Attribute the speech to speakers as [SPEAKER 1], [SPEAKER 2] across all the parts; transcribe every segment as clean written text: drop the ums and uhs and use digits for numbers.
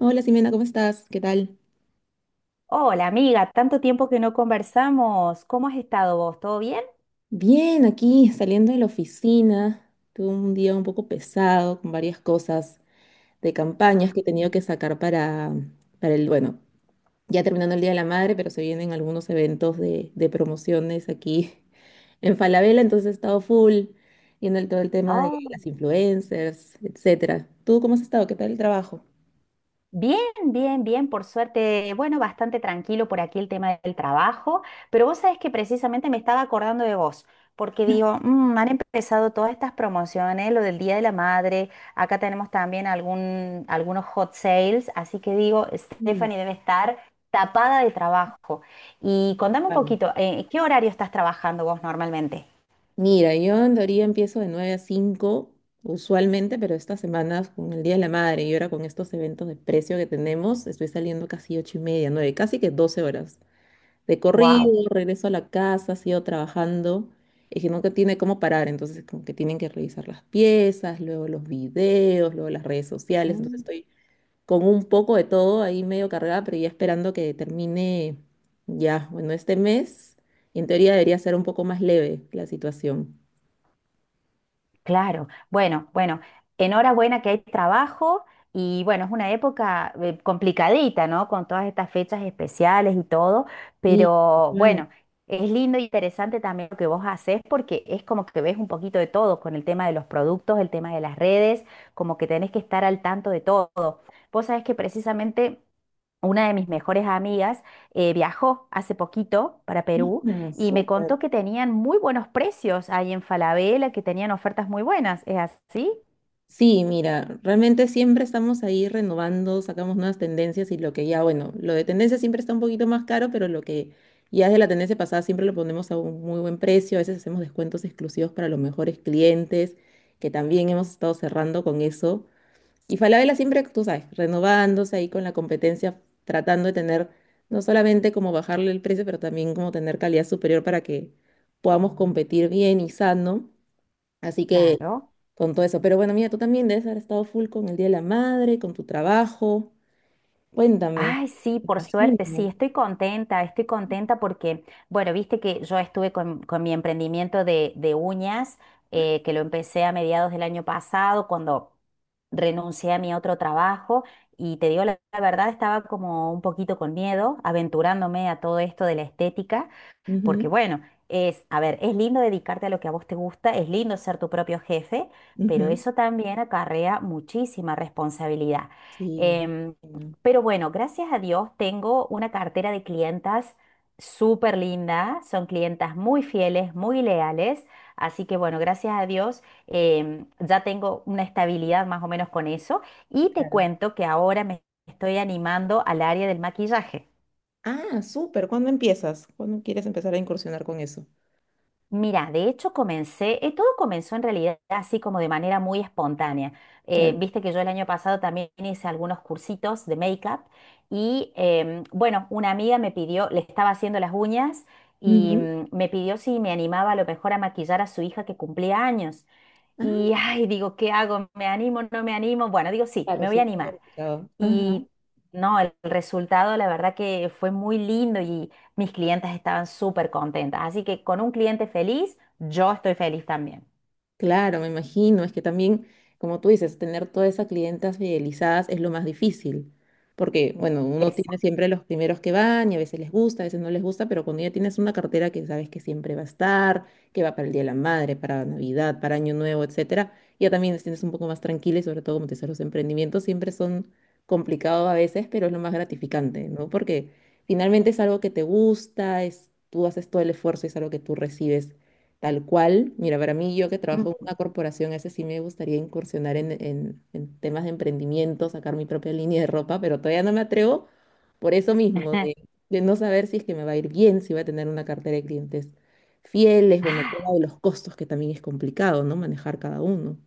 [SPEAKER 1] Hola Simena, ¿cómo estás? ¿Qué tal?
[SPEAKER 2] Hola amiga, tanto tiempo que no conversamos. ¿Cómo has estado vos? ¿Todo bien?
[SPEAKER 1] Bien, aquí saliendo de la oficina. Tuve un día un poco pesado con varias cosas de campañas
[SPEAKER 2] Ah,
[SPEAKER 1] que he tenido que sacar para el, bueno, ya terminando el Día de la Madre, pero se vienen algunos eventos de promociones aquí en Falabella, entonces he estado full viendo todo el tema de
[SPEAKER 2] oh,
[SPEAKER 1] las influencers, etcétera. ¿Tú cómo has estado? ¿Qué tal el trabajo?
[SPEAKER 2] bien, bien, por suerte. Bueno, bastante tranquilo por aquí el tema del trabajo, pero vos sabés que precisamente me estaba acordando de vos, porque digo, "Mm, han empezado todas estas promociones, lo del Día de la Madre, acá tenemos también algunos hot sales, así que digo,
[SPEAKER 1] Mm,
[SPEAKER 2] Stephanie debe estar tapada de trabajo. Y contame un
[SPEAKER 1] vale.
[SPEAKER 2] poquito, ¿qué horario estás trabajando vos normalmente?
[SPEAKER 1] Mira, yo en teoría empiezo de 9 a 5 usualmente, pero estas semanas con el Día de la Madre y ahora con estos eventos de precio que tenemos, estoy saliendo casi 8 y media, 9, casi que 12 horas de corrido,
[SPEAKER 2] Wow.
[SPEAKER 1] regreso a la casa, sigo trabajando, es que nunca tiene cómo parar, entonces como que tienen que revisar las piezas, luego los videos, luego las redes sociales, entonces estoy con un poco de todo ahí medio cargada, pero ya esperando que termine ya, bueno, este mes, en teoría debería ser un poco más leve la situación.
[SPEAKER 2] Claro, bueno, enhorabuena que hay trabajo y bueno, es una época complicadita, ¿no? Con todas estas fechas especiales y todo,
[SPEAKER 1] Sí,
[SPEAKER 2] pero
[SPEAKER 1] claro.
[SPEAKER 2] bueno, es lindo e interesante también lo que vos haces porque es como que ves un poquito de todo con el tema de los productos, el tema de las redes, como que tenés que estar al tanto de todo. Vos sabés que precisamente una de mis mejores amigas viajó hace poquito para Perú
[SPEAKER 1] Mm,
[SPEAKER 2] y me
[SPEAKER 1] súper.
[SPEAKER 2] contó que tenían muy buenos precios ahí en Falabella, que tenían ofertas muy buenas. ¿Es así?
[SPEAKER 1] Sí, mira, realmente siempre estamos ahí renovando, sacamos nuevas tendencias y lo que ya, bueno, lo de tendencia siempre está un poquito más caro, pero lo que ya es de la tendencia pasada siempre lo ponemos a un muy buen precio. A veces hacemos descuentos exclusivos para los mejores clientes, que también hemos estado cerrando con eso. Y Falabella siempre, tú sabes, renovándose ahí con la competencia, tratando de tener no solamente como bajarle el precio, pero también como tener calidad superior para que podamos competir bien y sano. Así que
[SPEAKER 2] Claro.
[SPEAKER 1] con todo eso. Pero bueno, mira, tú también debes haber estado full con el Día de la Madre, con tu trabajo. Cuéntame.
[SPEAKER 2] Ay, sí,
[SPEAKER 1] Me
[SPEAKER 2] por suerte, sí,
[SPEAKER 1] imagino.
[SPEAKER 2] estoy contenta porque, bueno, viste que yo estuve con mi emprendimiento de uñas, que lo empecé a mediados del año pasado, cuando renuncié a mi otro trabajo, y te digo la verdad, estaba como un poquito con miedo, aventurándome a todo esto de la estética.
[SPEAKER 1] Ujú,
[SPEAKER 2] Porque bueno, es, a ver, es lindo dedicarte a lo que a vos te gusta, es lindo ser tu propio jefe, pero
[SPEAKER 1] ujú.
[SPEAKER 2] eso también acarrea muchísima responsabilidad.
[SPEAKER 1] Sí,
[SPEAKER 2] Em,
[SPEAKER 1] no.
[SPEAKER 2] pero bueno, gracias a Dios tengo una cartera de clientas súper linda, son clientas muy fieles, muy leales, así que bueno, gracias a Dios ya tengo una estabilidad más o menos con eso y te
[SPEAKER 1] Claro.
[SPEAKER 2] cuento que ahora me estoy animando al área del maquillaje.
[SPEAKER 1] Ah, súper. ¿Cuándo empiezas? ¿Cuándo quieres empezar a incursionar con eso?
[SPEAKER 2] Mira, de hecho comencé, todo comenzó en realidad así como de manera muy espontánea.
[SPEAKER 1] Claro.
[SPEAKER 2] Viste que yo el año pasado también hice algunos cursitos de make-up y bueno, una amiga me pidió, le estaba haciendo las uñas y
[SPEAKER 1] Ujú.
[SPEAKER 2] me pidió si me animaba a lo mejor a maquillar a su hija que cumplía años. Y
[SPEAKER 1] Ah,
[SPEAKER 2] ay, digo, ¿qué hago? ¿Me animo? ¿No me animo? Bueno, digo, sí,
[SPEAKER 1] claro,
[SPEAKER 2] me voy a
[SPEAKER 1] siempre lo he
[SPEAKER 2] animar.
[SPEAKER 1] escuchado.
[SPEAKER 2] Y no, el resultado la verdad que fue muy lindo y mis clientes estaban súper contentas. Así que con un cliente feliz, yo estoy feliz también.
[SPEAKER 1] Claro, me imagino, es que también, como tú dices, tener todas esas clientas fidelizadas es lo más difícil, porque, bueno, uno tiene
[SPEAKER 2] Exacto.
[SPEAKER 1] siempre los primeros que van y a veces les gusta, a veces no les gusta, pero cuando ya tienes una cartera que sabes que siempre va a estar, que va para el Día de la Madre, para Navidad, para Año Nuevo, etcétera, ya también te sientes un poco más tranquila y sobre todo como te decía, los emprendimientos siempre son complicados a veces, pero es lo más gratificante, ¿no? Porque finalmente es algo que te gusta, es, tú haces todo el esfuerzo y es algo que tú recibes. Tal cual, mira, para mí yo que trabajo en
[SPEAKER 2] Ujú.
[SPEAKER 1] una corporación, ese sí me gustaría incursionar en temas de emprendimiento, sacar mi propia línea de ropa, pero todavía no me atrevo por eso mismo, de no saber si es que me va a ir bien, si voy a tener una cartera de clientes fieles, bueno, el tema de los costos que también es complicado, ¿no? Manejar cada uno.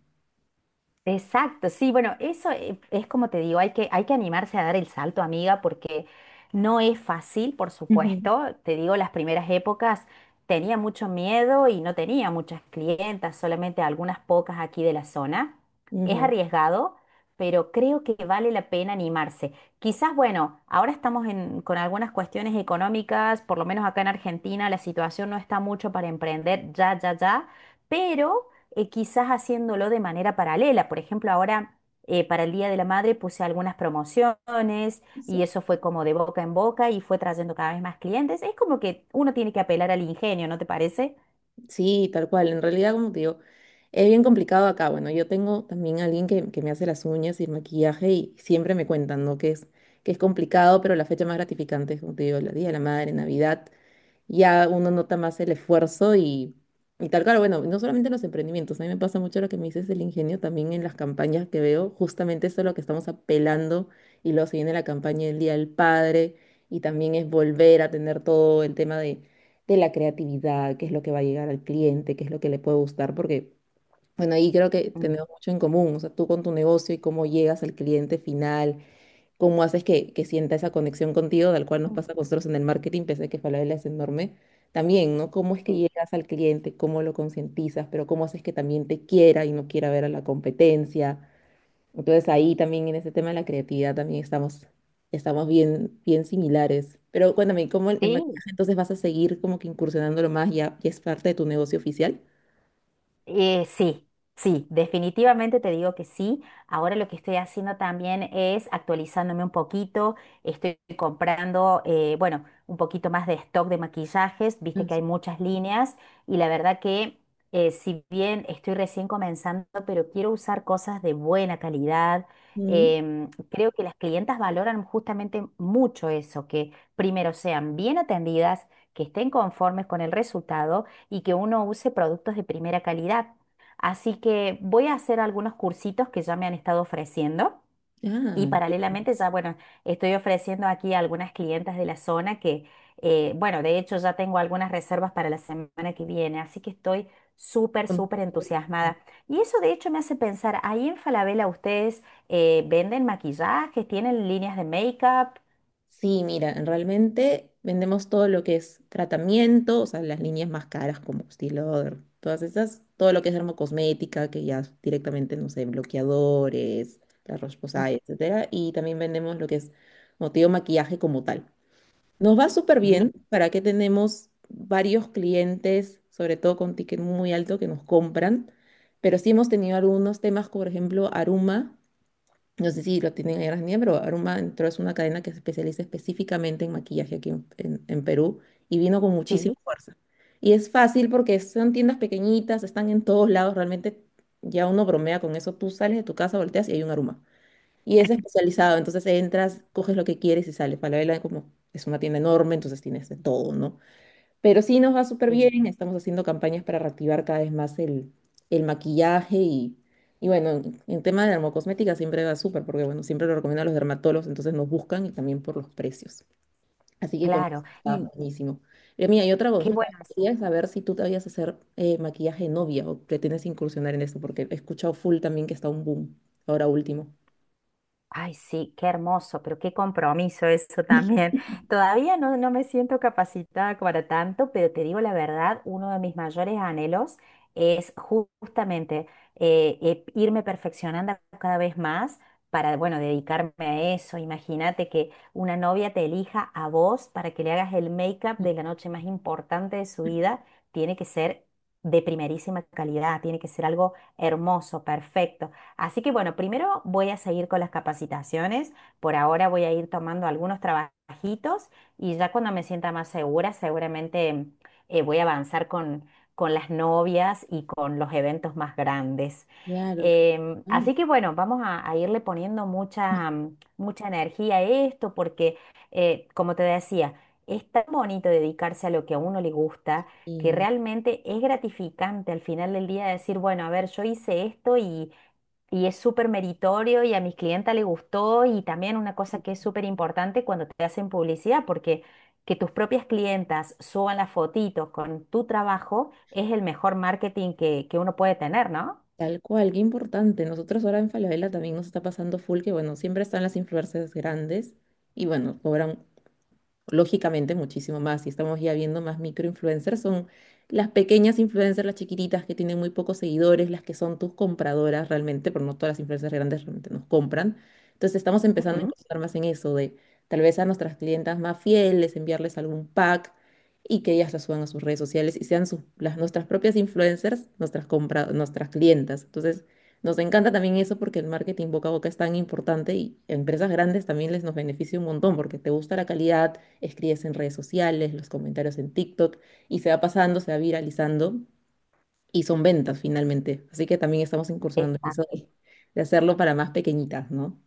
[SPEAKER 2] Exacto, sí, bueno, eso es como te digo, hay que animarse a dar el salto, amiga, porque no es fácil, por
[SPEAKER 1] Ujú.
[SPEAKER 2] supuesto. Te digo, las primeras épocas tenía mucho miedo y no tenía muchas clientas, solamente algunas pocas aquí de la zona. Es arriesgado, pero creo que vale la pena animarse. Quizás, bueno, ahora con algunas cuestiones económicas, por lo menos acá en Argentina la situación no está mucho para emprender ya, ya, ya, pero quizás haciéndolo de manera paralela. Por ejemplo, ahora para el Día de la Madre puse algunas promociones y
[SPEAKER 1] Ujú.
[SPEAKER 2] eso fue como de boca en boca y fue trayendo cada vez más clientes. Es como que uno tiene que apelar al ingenio, ¿no te parece?
[SPEAKER 1] Sí, tal cual. En realidad, como te digo, es bien complicado acá. Bueno, yo tengo también a alguien que me hace las uñas y el maquillaje y siempre me cuentan, ¿no? Que es complicado, pero la fecha más gratificante es, como te digo, el Día de la Madre, Navidad, ya uno nota más el esfuerzo y tal. Claro, bueno, no solamente en los emprendimientos, a mí me pasa mucho lo que me dices del ingenio, también en las campañas que veo, justamente eso es lo que estamos apelando y luego se viene la campaña del Día del Padre y también es volver a tener todo el tema de la creatividad, qué es lo que va a llegar al cliente, qué es lo que le puede gustar, porque... Bueno, ahí creo que
[SPEAKER 2] Mm.
[SPEAKER 1] tenemos mucho en común, o sea, tú con tu negocio y cómo llegas al cliente final, cómo haces que sienta esa conexión contigo, tal cual nos
[SPEAKER 2] Mm.
[SPEAKER 1] pasa a nosotros en el marketing, pese a que Falabella es enorme. También, ¿no? Cómo es que
[SPEAKER 2] Sí,
[SPEAKER 1] llegas al cliente, cómo lo concientizas, pero cómo haces que también te quiera y no quiera ver a la competencia. Entonces ahí también en ese tema de la creatividad también estamos, estamos bien, bien similares. Pero cuéntame, ¿cómo el
[SPEAKER 2] sí.
[SPEAKER 1] maquillaje entonces vas a seguir como que incursionándolo más? ¿Ya es parte de tu negocio oficial?
[SPEAKER 2] Sí, sí, definitivamente te digo que sí. Ahora lo que estoy haciendo también es actualizándome un poquito. Estoy comprando, bueno, un poquito más de stock de maquillajes. Viste
[SPEAKER 1] Ah,
[SPEAKER 2] que
[SPEAKER 1] sí.
[SPEAKER 2] hay muchas líneas y la verdad que si bien estoy recién comenzando, pero quiero usar cosas de buena calidad.
[SPEAKER 1] Mm,
[SPEAKER 2] Creo que las clientas valoran justamente mucho eso, que primero sean bien atendidas, que estén conformes con el resultado y que uno use productos de primera calidad. Así que voy a hacer algunos cursitos que ya me han estado ofreciendo y
[SPEAKER 1] ah,
[SPEAKER 2] paralelamente ya, bueno, estoy ofreciendo aquí a algunas clientas de la zona que, bueno, de hecho ya tengo algunas reservas para la semana que viene, así que estoy súper, súper
[SPEAKER 1] ya.
[SPEAKER 2] entusiasmada. Y eso de hecho me hace pensar, ahí en Falabella ustedes venden maquillajes, tienen líneas de make-up.
[SPEAKER 1] Sí, mira, realmente vendemos todo lo que es tratamiento, o sea, las líneas más caras como Stiloder, todas esas, todo lo que es dermocosmética, que ya es directamente, no sé, bloqueadores, la
[SPEAKER 2] Mm.
[SPEAKER 1] Roche-Posay, etcétera, y también vendemos lo que es motivo maquillaje como tal. Nos va súper
[SPEAKER 2] Bien,
[SPEAKER 1] bien, para que tenemos varios clientes, sobre todo con ticket muy alto, que nos compran, pero sí hemos tenido algunos temas, como por ejemplo, Aruma, no sé si lo tienen en Argentina, pero Aroma entró, es una cadena que se especializa específicamente en maquillaje aquí en Perú y vino con muchísima
[SPEAKER 2] sí,
[SPEAKER 1] fuerza. Y es fácil porque son tiendas pequeñitas, están en todos lados, realmente ya uno bromea con eso. Tú sales de tu casa, volteas y hay un Aroma. Y es especializado, entonces entras, coges lo que quieres y sales. Falabella como es una tienda enorme, entonces tienes de todo, ¿no? Pero sí nos va súper
[SPEAKER 2] sí,
[SPEAKER 1] bien, estamos haciendo campañas para reactivar cada vez más el maquillaje y bueno, en tema de dermocosmética siempre va súper porque bueno, siempre lo recomiendo a los dermatólogos, entonces nos buscan y también por los precios. Así que con eso
[SPEAKER 2] claro.
[SPEAKER 1] está
[SPEAKER 2] Y
[SPEAKER 1] buenísimo. Y mira, y otra
[SPEAKER 2] qué
[SPEAKER 1] consulta,
[SPEAKER 2] bueno eso.
[SPEAKER 1] quería saber si tú te habías hacer maquillaje de novia o pretendes incursionar en eso, porque he escuchado full también que está un boom ahora último.
[SPEAKER 2] Ay, sí, qué hermoso, pero qué compromiso eso también. Todavía no, no me siento capacitada para tanto, pero te digo la verdad, uno de mis mayores anhelos es justamente irme perfeccionando cada vez más para, bueno, dedicarme a eso. Imagínate que una novia te elija a vos para que le hagas el make-up de la noche más importante de su vida, tiene que ser de primerísima calidad, tiene que ser algo hermoso, perfecto. Así que bueno, primero voy a seguir con las capacitaciones. Por ahora voy a ir tomando algunos trabajitos y ya cuando me sienta más segura, seguramente voy a avanzar con las novias y con los eventos más grandes.
[SPEAKER 1] Claro. Que... mm.
[SPEAKER 2] Así que bueno, vamos a irle poniendo mucha, mucha energía a esto porque, como te decía, es tan bonito dedicarse a lo que a uno le gusta que
[SPEAKER 1] Y
[SPEAKER 2] realmente es gratificante al final del día decir, bueno, a ver, yo hice esto y es súper meritorio y a mis clientas le gustó y también una cosa que es súper importante cuando te hacen publicidad, porque que tus propias clientas suban las fotitos con tu trabajo es el mejor marketing que uno puede tener, ¿no?
[SPEAKER 1] tal cual, qué importante. Nosotros ahora en Falabella también nos está pasando full que, bueno, siempre están las influencers grandes y, bueno, cobran lógicamente muchísimo más. Y estamos ya viendo más microinfluencers, son las pequeñas influencers, las chiquititas que tienen muy pocos seguidores, las que son tus compradoras realmente, pero no todas las influencers grandes realmente nos compran. Entonces estamos empezando a
[SPEAKER 2] Ujú.
[SPEAKER 1] incursionar más en eso, de tal vez a nuestras clientas más fieles, enviarles algún pack y que ellas lo suban a sus redes sociales y sean las, nuestras propias influencers, nuestras clientas. Entonces, nos encanta también eso porque el marketing boca a boca es tan importante y a empresas grandes también les nos beneficia un montón porque te gusta la calidad, escribes en redes sociales, los comentarios en TikTok y se va pasando, se va viralizando y son ventas finalmente. Así que también estamos incursionando en
[SPEAKER 2] Está
[SPEAKER 1] eso de hacerlo para más pequeñitas, ¿no?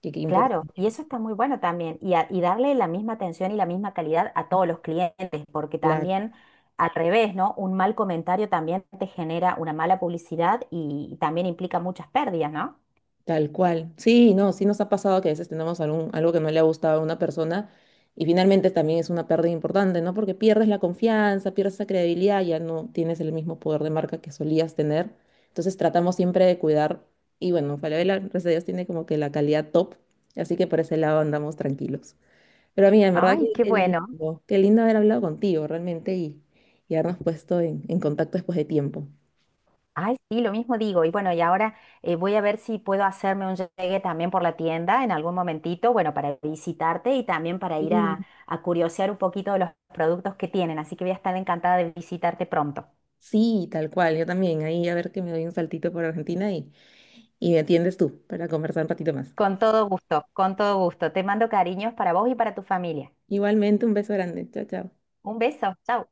[SPEAKER 1] Que qué
[SPEAKER 2] claro, y
[SPEAKER 1] importante.
[SPEAKER 2] eso está muy bueno también, y darle la misma atención y la misma calidad a todos los clientes, porque
[SPEAKER 1] Claro.
[SPEAKER 2] también al revés, ¿no? Un mal comentario también te genera una mala publicidad también implica muchas pérdidas, ¿no?
[SPEAKER 1] Tal cual. Sí, no, sí nos ha pasado que a veces tenemos algún, algo que no le ha gustado a una persona y finalmente también es una pérdida importante, ¿no? Porque pierdes la confianza, pierdes la credibilidad, ya no tienes el mismo poder de marca que solías tener. Entonces tratamos siempre de cuidar y bueno, Falabella, gracias a Dios, tiene como que la calidad top, así que por ese lado andamos tranquilos. Pero amiga, en verdad que
[SPEAKER 2] Ay, qué bueno.
[SPEAKER 1] qué lindo haber hablado contigo realmente y habernos puesto en contacto después de tiempo.
[SPEAKER 2] Ay, sí, lo mismo digo. Y bueno, y ahora voy a ver si puedo hacerme un llegue también por la tienda en algún momentito, bueno, para visitarte y también para ir
[SPEAKER 1] Sí.
[SPEAKER 2] a curiosear un poquito de los productos que tienen. Así que voy a estar encantada de visitarte pronto.
[SPEAKER 1] Sí, tal cual, yo también. Ahí a ver que me doy un saltito por Argentina y me atiendes tú para conversar un ratito más.
[SPEAKER 2] Con todo gusto, con todo gusto. Te mando cariños para vos y para tu familia.
[SPEAKER 1] Igualmente, un beso grande. Chao, chao.
[SPEAKER 2] Un beso, chao.